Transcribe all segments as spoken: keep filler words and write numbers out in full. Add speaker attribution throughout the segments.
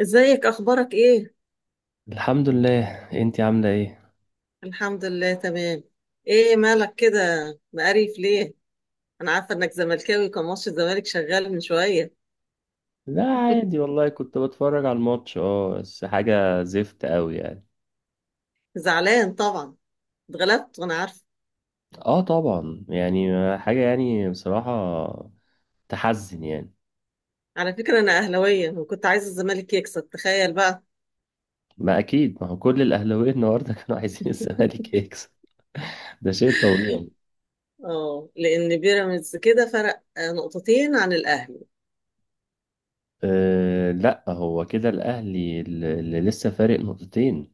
Speaker 1: ازيك، اخبارك ايه؟
Speaker 2: الحمد لله، انتي عاملة ايه؟
Speaker 1: الحمد لله تمام. ايه مالك كده؟ مقريف ليه؟ انا عارفه انك زملكاوي، كان ماتش الزمالك شغال من شويه.
Speaker 2: لا عادي والله، كنت بتفرج على الماتش، اه بس حاجة زفت قوي يعني.
Speaker 1: زعلان طبعا. اتغلبت وانا عارفه.
Speaker 2: اه طبعا يعني، حاجة يعني بصراحة تحزن يعني.
Speaker 1: على فكره انا اهلاويه وكنت عايزه الزمالك يكسب، تخيل بقى.
Speaker 2: ما اكيد، ما هو كل الاهلاويه النهارده كانوا عايزين الزمالك يكسب. ده شيء طبيعي.
Speaker 1: اه، لان بيراميدز كده فرق آه، نقطتين عن الاهلي.
Speaker 2: أه لا، هو كده الاهلي اللي اللي لسه فارق نقطتين.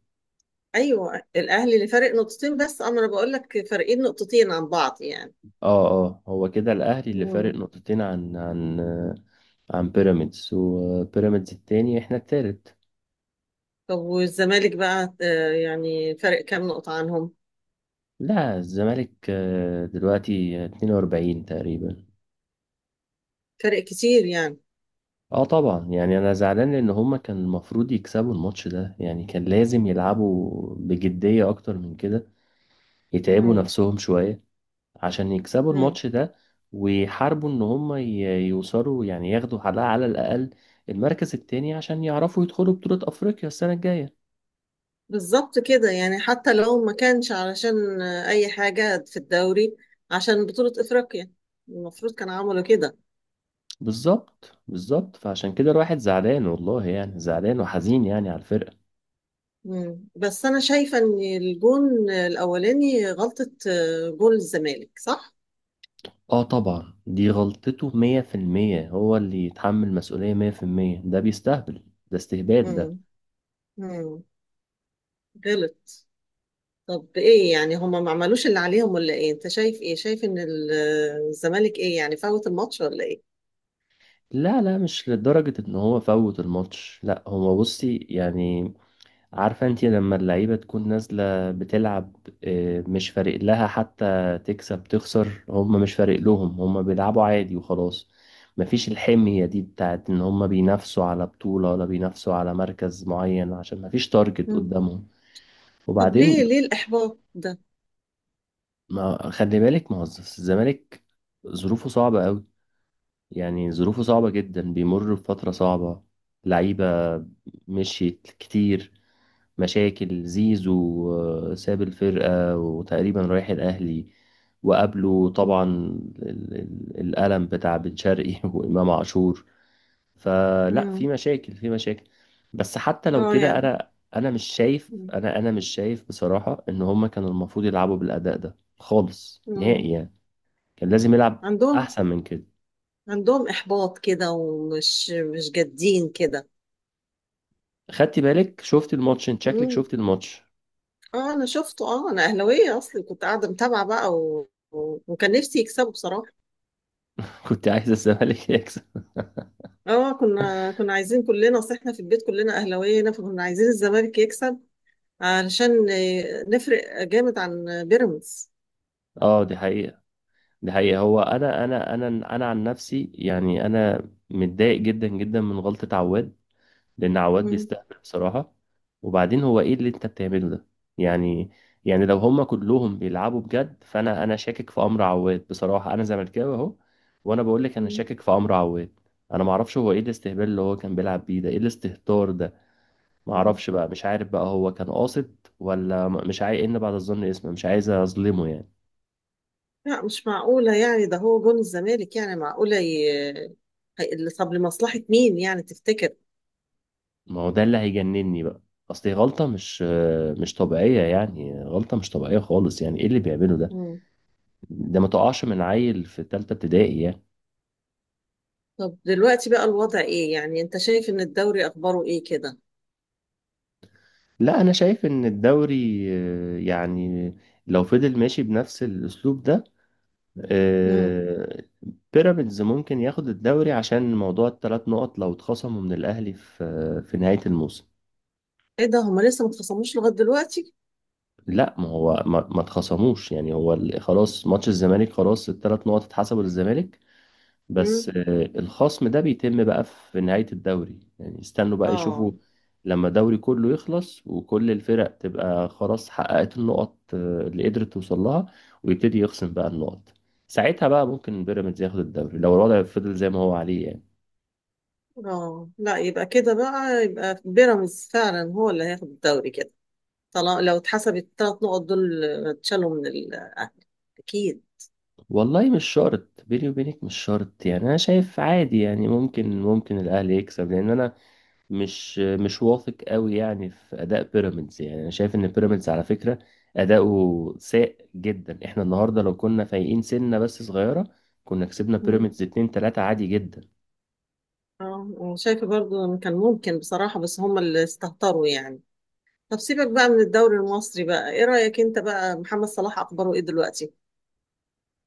Speaker 1: ايوه الاهلي اللي فارق نقطتين، بس اما انا بقول لك فارقين نقطتين عن بعض يعني.
Speaker 2: اه اه هو كده الاهلي اللي فارق
Speaker 1: مم.
Speaker 2: نقطتين عن عن آه، عن بيراميدز، وبيراميدز التاني، احنا التالت.
Speaker 1: طب والزمالك بقى آه، يعني فرق كام نقطه عنهم؟
Speaker 2: لا الزمالك آه، دلوقتي اتنين واربعين تقريبا.
Speaker 1: فرق كتير يعني.
Speaker 2: اه طبعا يعني، انا زعلان لان هما كان المفروض يكسبوا الماتش ده، يعني كان لازم يلعبوا بجدية اكتر من كده، يتعبوا
Speaker 1: مم.
Speaker 2: نفسهم شوية عشان يكسبوا
Speaker 1: مم.
Speaker 2: الماتش ده، ويحاربوا ان هما ي- يوصلوا يعني، ياخدوا على على الاقل المركز التاني عشان يعرفوا يدخلوا بطولة افريقيا السنة الجاية.
Speaker 1: بالظبط كده، يعني حتى لو ما كانش علشان أي حاجة في الدوري، عشان بطولة إفريقيا، المفروض كان عملوا كده.
Speaker 2: بالظبط، بالظبط، فعشان كده الواحد زعلان والله يعني، زعلان وحزين يعني على الفرقة.
Speaker 1: مم. بس أنا شايفة إن الجون الأولاني غلطة، آه، جون الزمالك، صح؟
Speaker 2: اه طبعا، دي غلطته مية في المية، هو اللي يتحمل مسؤولية مية في المية، ده بيستهبل، ده استهبال ده.
Speaker 1: مم. مم. غلط. طب إيه، يعني هما ما عملوش اللي عليهم ولا إيه؟ أنت شايف إيه؟ شايف إن ال- آه، الزمالك إيه يعني، فوت الماتش ولا إيه؟
Speaker 2: لا لا، مش لدرجة ان هو فوت الماتش، لا هو بصي يعني، عارفة انتي لما اللعيبة تكون نازلة بتلعب، آه، مش فارق لها حتى تكسب تخسر، هم مش فارق لهم، هم بيلعبوا عادي وخلاص. مفيش الحمية دي بتاعت ان هم بينافسوا على بطولة ولا بينافسوا على مركز معين، عشان مفيش تارجت
Speaker 1: مم.
Speaker 2: قدامهم.
Speaker 1: طب ليه
Speaker 2: وبعدين،
Speaker 1: ليه الإحباط ده؟
Speaker 2: ما خلي بالك، ما هو الزمالك ظروفه صعبة قوي، يعني ظروفه صعبة جدا، بيمر بفترة صعبة. لعيبة مشيت كتير، مشاكل زيزو، آه، ساب الفرقة وتقريبا رايح الأهلي، وقابله
Speaker 1: مم.
Speaker 2: طبعا ال- ال- الألم بتاع بن شرقي وإمام عاشور. فلا، في
Speaker 1: مم.
Speaker 2: مشاكل، في مشاكل. بس حتى لو
Speaker 1: اه
Speaker 2: كده،
Speaker 1: يعني.
Speaker 2: أنا أنا مش شايف،
Speaker 1: مم.
Speaker 2: أنا أنا مش شايف بصراحة إن هما كانوا المفروض يلعبوا بالأداء ده خالص
Speaker 1: مم.
Speaker 2: نهائي يعني. كان لازم يلعب
Speaker 1: عندهم
Speaker 2: احسن من كده.
Speaker 1: عندهم إحباط كده، ومش مش جادين كده.
Speaker 2: خدتي بالك، شفت الماتش؟ انت شكلك
Speaker 1: مم.
Speaker 2: شفت الماتش.
Speaker 1: اه انا شفته، اه انا اهلاويه اصلي، كنت قاعده متابعه بقى و... و... وكان نفسي يكسبوا بصراحه.
Speaker 2: كنت عايز الزمالك يكسب.
Speaker 1: اه كنا كنا عايزين كلنا، اصل احنا في البيت كلنا اهلاويه هنا، فكنا عايزين الزمالك يكسب علشان آه، نفرق جامد عن بيراميدز.
Speaker 2: اه دي حقيقة، دي حقيقة. هو انا انا انا انا عن نفسي يعني، انا متضايق جدا جدا من غلطة عواد، لان عواد
Speaker 1: مم.
Speaker 2: بيستهبل بصراحة. وبعدين هو ايه اللي انت بتعمله ده يعني؟ يعني لو هما كلهم بيلعبوا بجد، فانا انا شاكك في امر عواد. بصراحة انا زملكاوي اهو، وانا بقول لك انا
Speaker 1: مم.
Speaker 2: شاكك في امر عواد. انا ما اعرفش هو ايه الاستهبال اللي هو كان بيلعب بيه ده، ايه الاستهتار ده. ما
Speaker 1: مم.
Speaker 2: اعرفش بقى، مش عارف بقى هو كان قاصد ولا م- مش عايز، ان بعد الظن اسمه، مش عايز اظلمه يعني.
Speaker 1: لا مش معقوله يعني، ده هو جون الزمالك، يعني معقوله ي... هي- طب لمصلحه مين يعني تفتكر؟
Speaker 2: ما هو ده اللي هيجنني بقى، اصل هي غلطة مش مش طبيعية يعني، غلطة مش طبيعية خالص يعني. ايه اللي بيعمله ده؟ ده ما تقعش من عيل في تالتة ابتدائي يعني.
Speaker 1: طب دلوقتي بقى الوضع ايه، يعني انت شايف ان الدوري اخباره ايه كده؟
Speaker 2: لا انا شايف ان الدوري آه، يعني لو فضل ماشي بنفس الاسلوب ده،
Speaker 1: امم
Speaker 2: آه، بيراميدز ممكن ياخد الدوري، عشان موضوع التلات نقط لو اتخصموا من الاهلي في في نهاية الموسم.
Speaker 1: ايه ده، هما لسه ما اتخصموش لغايه دلوقتي؟
Speaker 2: لا ما هو ما, ما اتخصموش يعني، هو ال- خلاص ماتش الزمالك خلاص، التلات نقط اتحسبوا للزمالك، بس
Speaker 1: امم
Speaker 2: آه، الخصم ده بيتم بقى في نهاية الدوري يعني، استنوا بقى يشوفوا
Speaker 1: اه
Speaker 2: لما الدوري كله يخلص، وكل الفرق تبقى خلاص حققت النقط آه، اللي قدرت توصل لها، ويبتدي يخصم بقى النقط. ساعتها بقى ممكن بيراميدز ياخد الدوري لو الوضع فضل زي ما هو عليه يعني.
Speaker 1: اه، لا يبقى كده بقى، يبقى بيراميدز فعلا هو اللي هياخد الدوري كده، طالما لو اتحسب الثلاث نقط دول اتشالوا من الاهلي، اكيد.
Speaker 2: والله مش شرط، بيني وبينك مش شرط يعني. انا شايف عادي يعني، ممكن، ممكن الاهلي يكسب، لان انا مش مش واثق قوي يعني في اداء بيراميدز. يعني انا شايف ان بيراميدز على فكره اداؤه سيء جدا. احنا النهارده لو كنا فايقين سنه بس صغيره كنا كسبنا
Speaker 1: مم.
Speaker 2: بيراميدز اتنين تلاتة عادي جدا.
Speaker 1: اه، وشايفه برضو إن كان ممكن بصراحه، بس هما اللي استهتروا يعني. طب سيبك بقى من الدوري المصري بقى، ايه رايك انت بقى، محمد صلاح اخباره ايه دلوقتي؟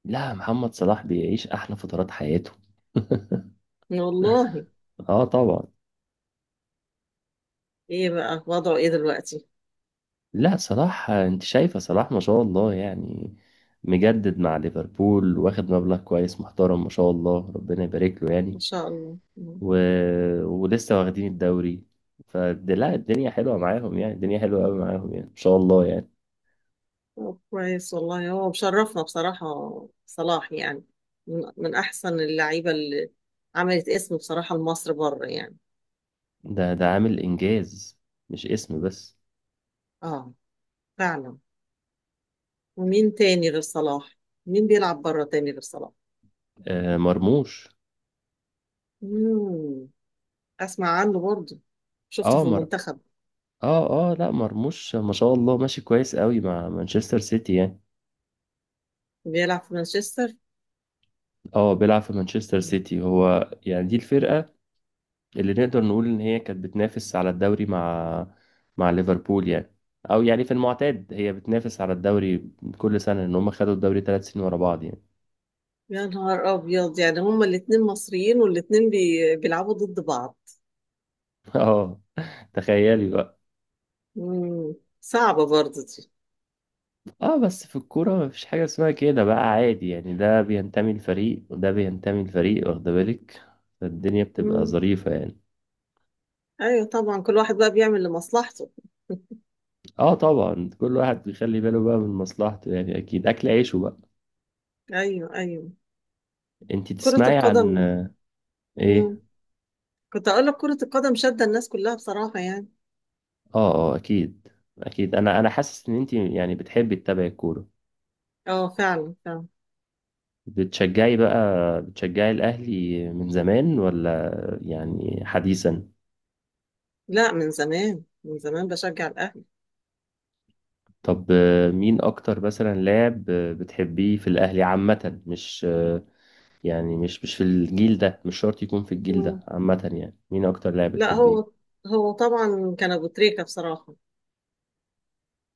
Speaker 2: لا محمد صلاح بيعيش احلى فترات حياته.
Speaker 1: والله.
Speaker 2: اه طبعا.
Speaker 1: ايه بقى وضعه ايه دلوقتي؟
Speaker 2: لا صلاح، انت شايفه صلاح ما شاء الله يعني، مجدد مع ليفربول، واخد مبلغ كويس محترم، ما شاء الله ربنا يبارك له
Speaker 1: ما
Speaker 2: يعني.
Speaker 1: شاء الله. مم.
Speaker 2: و... ولسه واخدين الدوري فد... لا، الدنيا حلوة معاهم يعني، الدنيا حلوة قوي معاهم يعني، إن شاء الله يعني.
Speaker 1: طب كويس والله، هو مشرفنا بصراحة، صلاح يعني، من, من أحسن اللعيبة اللي عملت اسم بصراحة لمصر بره يعني.
Speaker 2: ده ده عامل إنجاز، مش اسم بس.
Speaker 1: اه فعلا. ومين تاني غير صلاح؟ مين بيلعب بره تاني غير صلاح؟
Speaker 2: آه مرموش.
Speaker 1: مم. أسمع عنه برضه، شفته
Speaker 2: اه
Speaker 1: في
Speaker 2: مر
Speaker 1: المنتخب.
Speaker 2: اه اه لا مرموش ما شاء الله، ماشي كويس قوي مع مانشستر سيتي يعني.
Speaker 1: بيلعب في مانشستر.
Speaker 2: اه بيلعب في مانشستر
Speaker 1: مم.
Speaker 2: سيتي هو يعني، دي الفرقة اللي نقدر نقول ان هي كانت بتنافس على الدوري مع مع ليفربول يعني، او يعني في المعتاد هي بتنافس على الدوري كل سنة، ان هم خدوا الدوري تلات سنين ورا بعض يعني.
Speaker 1: يا نهار أبيض، يعني هما الاتنين مصريين والاتنين بي... بيلعبوا ضد بعض.
Speaker 2: اه، تخيلي بقى.
Speaker 1: مم. صعبة برضه دي.
Speaker 2: اه بس في الكورة مفيش حاجة اسمها كده بقى، عادي يعني، ده بينتمي لفريق وده بينتمي لفريق، واخدة بالك، فالدنيا بتبقى
Speaker 1: مم.
Speaker 2: ظريفة يعني.
Speaker 1: ايوه طبعا، كل واحد بقى بيعمل لمصلحته.
Speaker 2: اه طبعا، كل واحد بيخلي باله بقى من مصلحته يعني، اكيد اكل عيشه بقى.
Speaker 1: ايوه ايوه.
Speaker 2: انتي
Speaker 1: كرة
Speaker 2: تسمعي عن
Speaker 1: القدم.
Speaker 2: آه، ايه؟
Speaker 1: مم. كنت اقول لك كرة القدم شادة الناس كلها بصراحة يعني.
Speaker 2: اه اه اكيد، اكيد. انا انا حاسس ان انتي يعني بتحبي تتابعي الكورة،
Speaker 1: اه فعلا فعلا.
Speaker 2: بتشجعي بقى، بتشجعي الاهلي من زمان ولا يعني حديثا؟
Speaker 1: لا من زمان، من زمان بشجع الاهلي.
Speaker 2: طب آه، مين اكتر مثلا لاعب آه، بتحبيه في الاهلي عامة، مش آه، يعني، مش مش في الجيل ده، مش شرط يكون في الجيل ده،
Speaker 1: مم.
Speaker 2: عامة يعني مين اكتر لاعب
Speaker 1: لا
Speaker 2: بتحبيه.
Speaker 1: هو هو طبعا كان ابو تريكة بصراحة.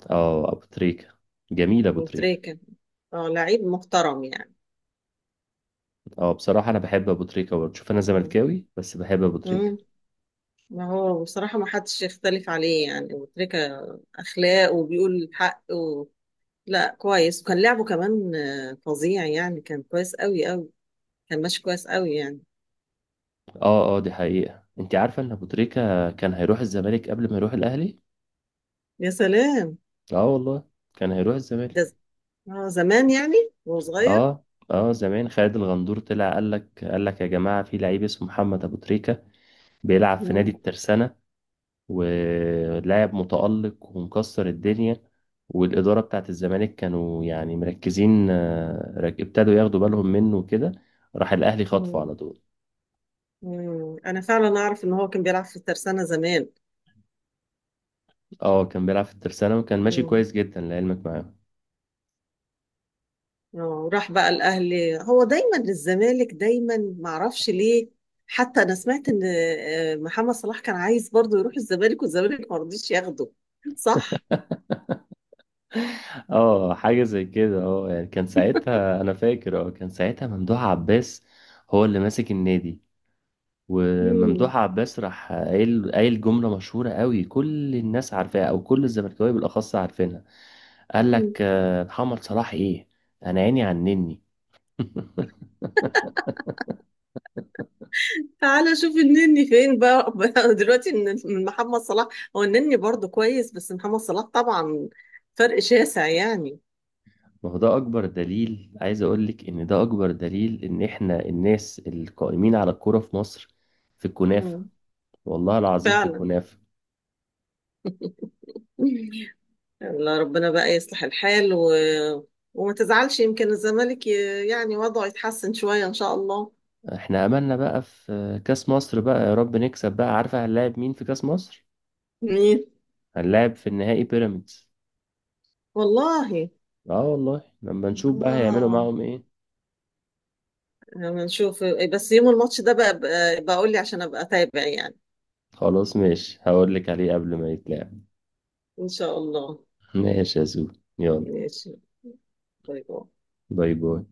Speaker 2: اه ابو تريكة، جميل ابو
Speaker 1: ابو
Speaker 2: تريكة.
Speaker 1: تريكة. اه لعيب محترم يعني.
Speaker 2: اه بصراحة انا بحب ابو تريكة برضه، شوف انا
Speaker 1: مم.
Speaker 2: زملكاوي بس بحب ابو تريكة.
Speaker 1: مم. ما هو بصراحة ما حدش يختلف عليه يعني، ابو تريكة اخلاق وبيقول الحق و... لا كويس، وكان لعبه كمان آه، فظيع يعني، كان كويس قوي قوي. كان ماشي كويس قوي يعني.
Speaker 2: اه اه دي حقيقة. انت عارفة ان ابو تريكة كان هيروح الزمالك قبل ما يروح الاهلي؟
Speaker 1: يا سلام.
Speaker 2: اه والله، كان هيروح
Speaker 1: ده
Speaker 2: الزمالك.
Speaker 1: ز- اه زمان يعني، وهو صغير.
Speaker 2: اه، اه زمان خالد الغندور طلع، قال لك قال لك يا جماعة في لعيب اسمه محمد ابو تريكة، بيلعب في نادي
Speaker 1: مم.
Speaker 2: الترسانة، ولاعب متألق ومكسر الدنيا. والإدارة بتاعت الزمالك كانوا يعني مركزين، آه، رك- ابتدوا ياخدوا بالهم منه وكده، راح الأهلي خطفه
Speaker 1: مم.
Speaker 2: على طول.
Speaker 1: مم. انا فعلا اعرف ان هو كان بيلعب في الترسانة زمان.
Speaker 2: اه كان بيلعب في الترسانة، وكان ماشي
Speaker 1: مم.
Speaker 2: كويس جدا لعلمك معاهم.
Speaker 1: اه وراح بقى الاهلي، هو دايما للزمالك دايما معرفش ليه. حتى انا سمعت ان آه، محمد صلاح كان عايز برضه يروح الزمالك والزمالك ما رضيش ياخده، صح.
Speaker 2: اه حاجة زي كده. اه يعني كان ساعتها، أنا فاكر اه، كان ساعتها ممدوح عباس هو اللي ماسك النادي.
Speaker 1: مم.
Speaker 2: وممدوح عباس راح قايل قايل جملة مشهورة قوي كل الناس عارفاها، أو كل الزملكاوية بالأخص عارفينها. قال لك آه، محمد صلاح ايه، انا عيني عنني.
Speaker 1: تعالى شوف النني فين بقى، بقى دلوقتي من من محمد صلاح. هو النني برضه كويس، بس محمد صلاح طبعا فرق شاسع يعني.
Speaker 2: ما هو ده اكبر دليل، عايز اقول لك ان ده اكبر دليل ان احنا الناس القائمين على الكوره في مصر في الكنافه،
Speaker 1: مم.
Speaker 2: والله العظيم في
Speaker 1: فعلا.
Speaker 2: الكنافه.
Speaker 1: الله ربنا بقى يصلح الحال و... وما تزعلش، يمكن الزمالك ي... يعني وضعه يتحسن شوية إن شاء الله.
Speaker 2: احنا املنا بقى في آه، كاس مصر بقى، يا رب نكسب بقى. عارفه هنلاعب مين في كاس مصر؟
Speaker 1: مين؟
Speaker 2: هنلاعب في النهائي بيراميدز.
Speaker 1: والله.
Speaker 2: اه والله، لما نشوف بقى هيعملوا
Speaker 1: آه
Speaker 2: معاهم ايه.
Speaker 1: لما نشوف بس يوم الماتش ده بقى بقى بقول لي عشان أبقى أتابع يعني.
Speaker 2: خلاص ماشي، هقول لك عليه قبل ما يتلعب.
Speaker 1: إن شاء الله.
Speaker 2: ماشي يا زو، يلا.
Speaker 1: ماشي. باي باي.
Speaker 2: باي باي.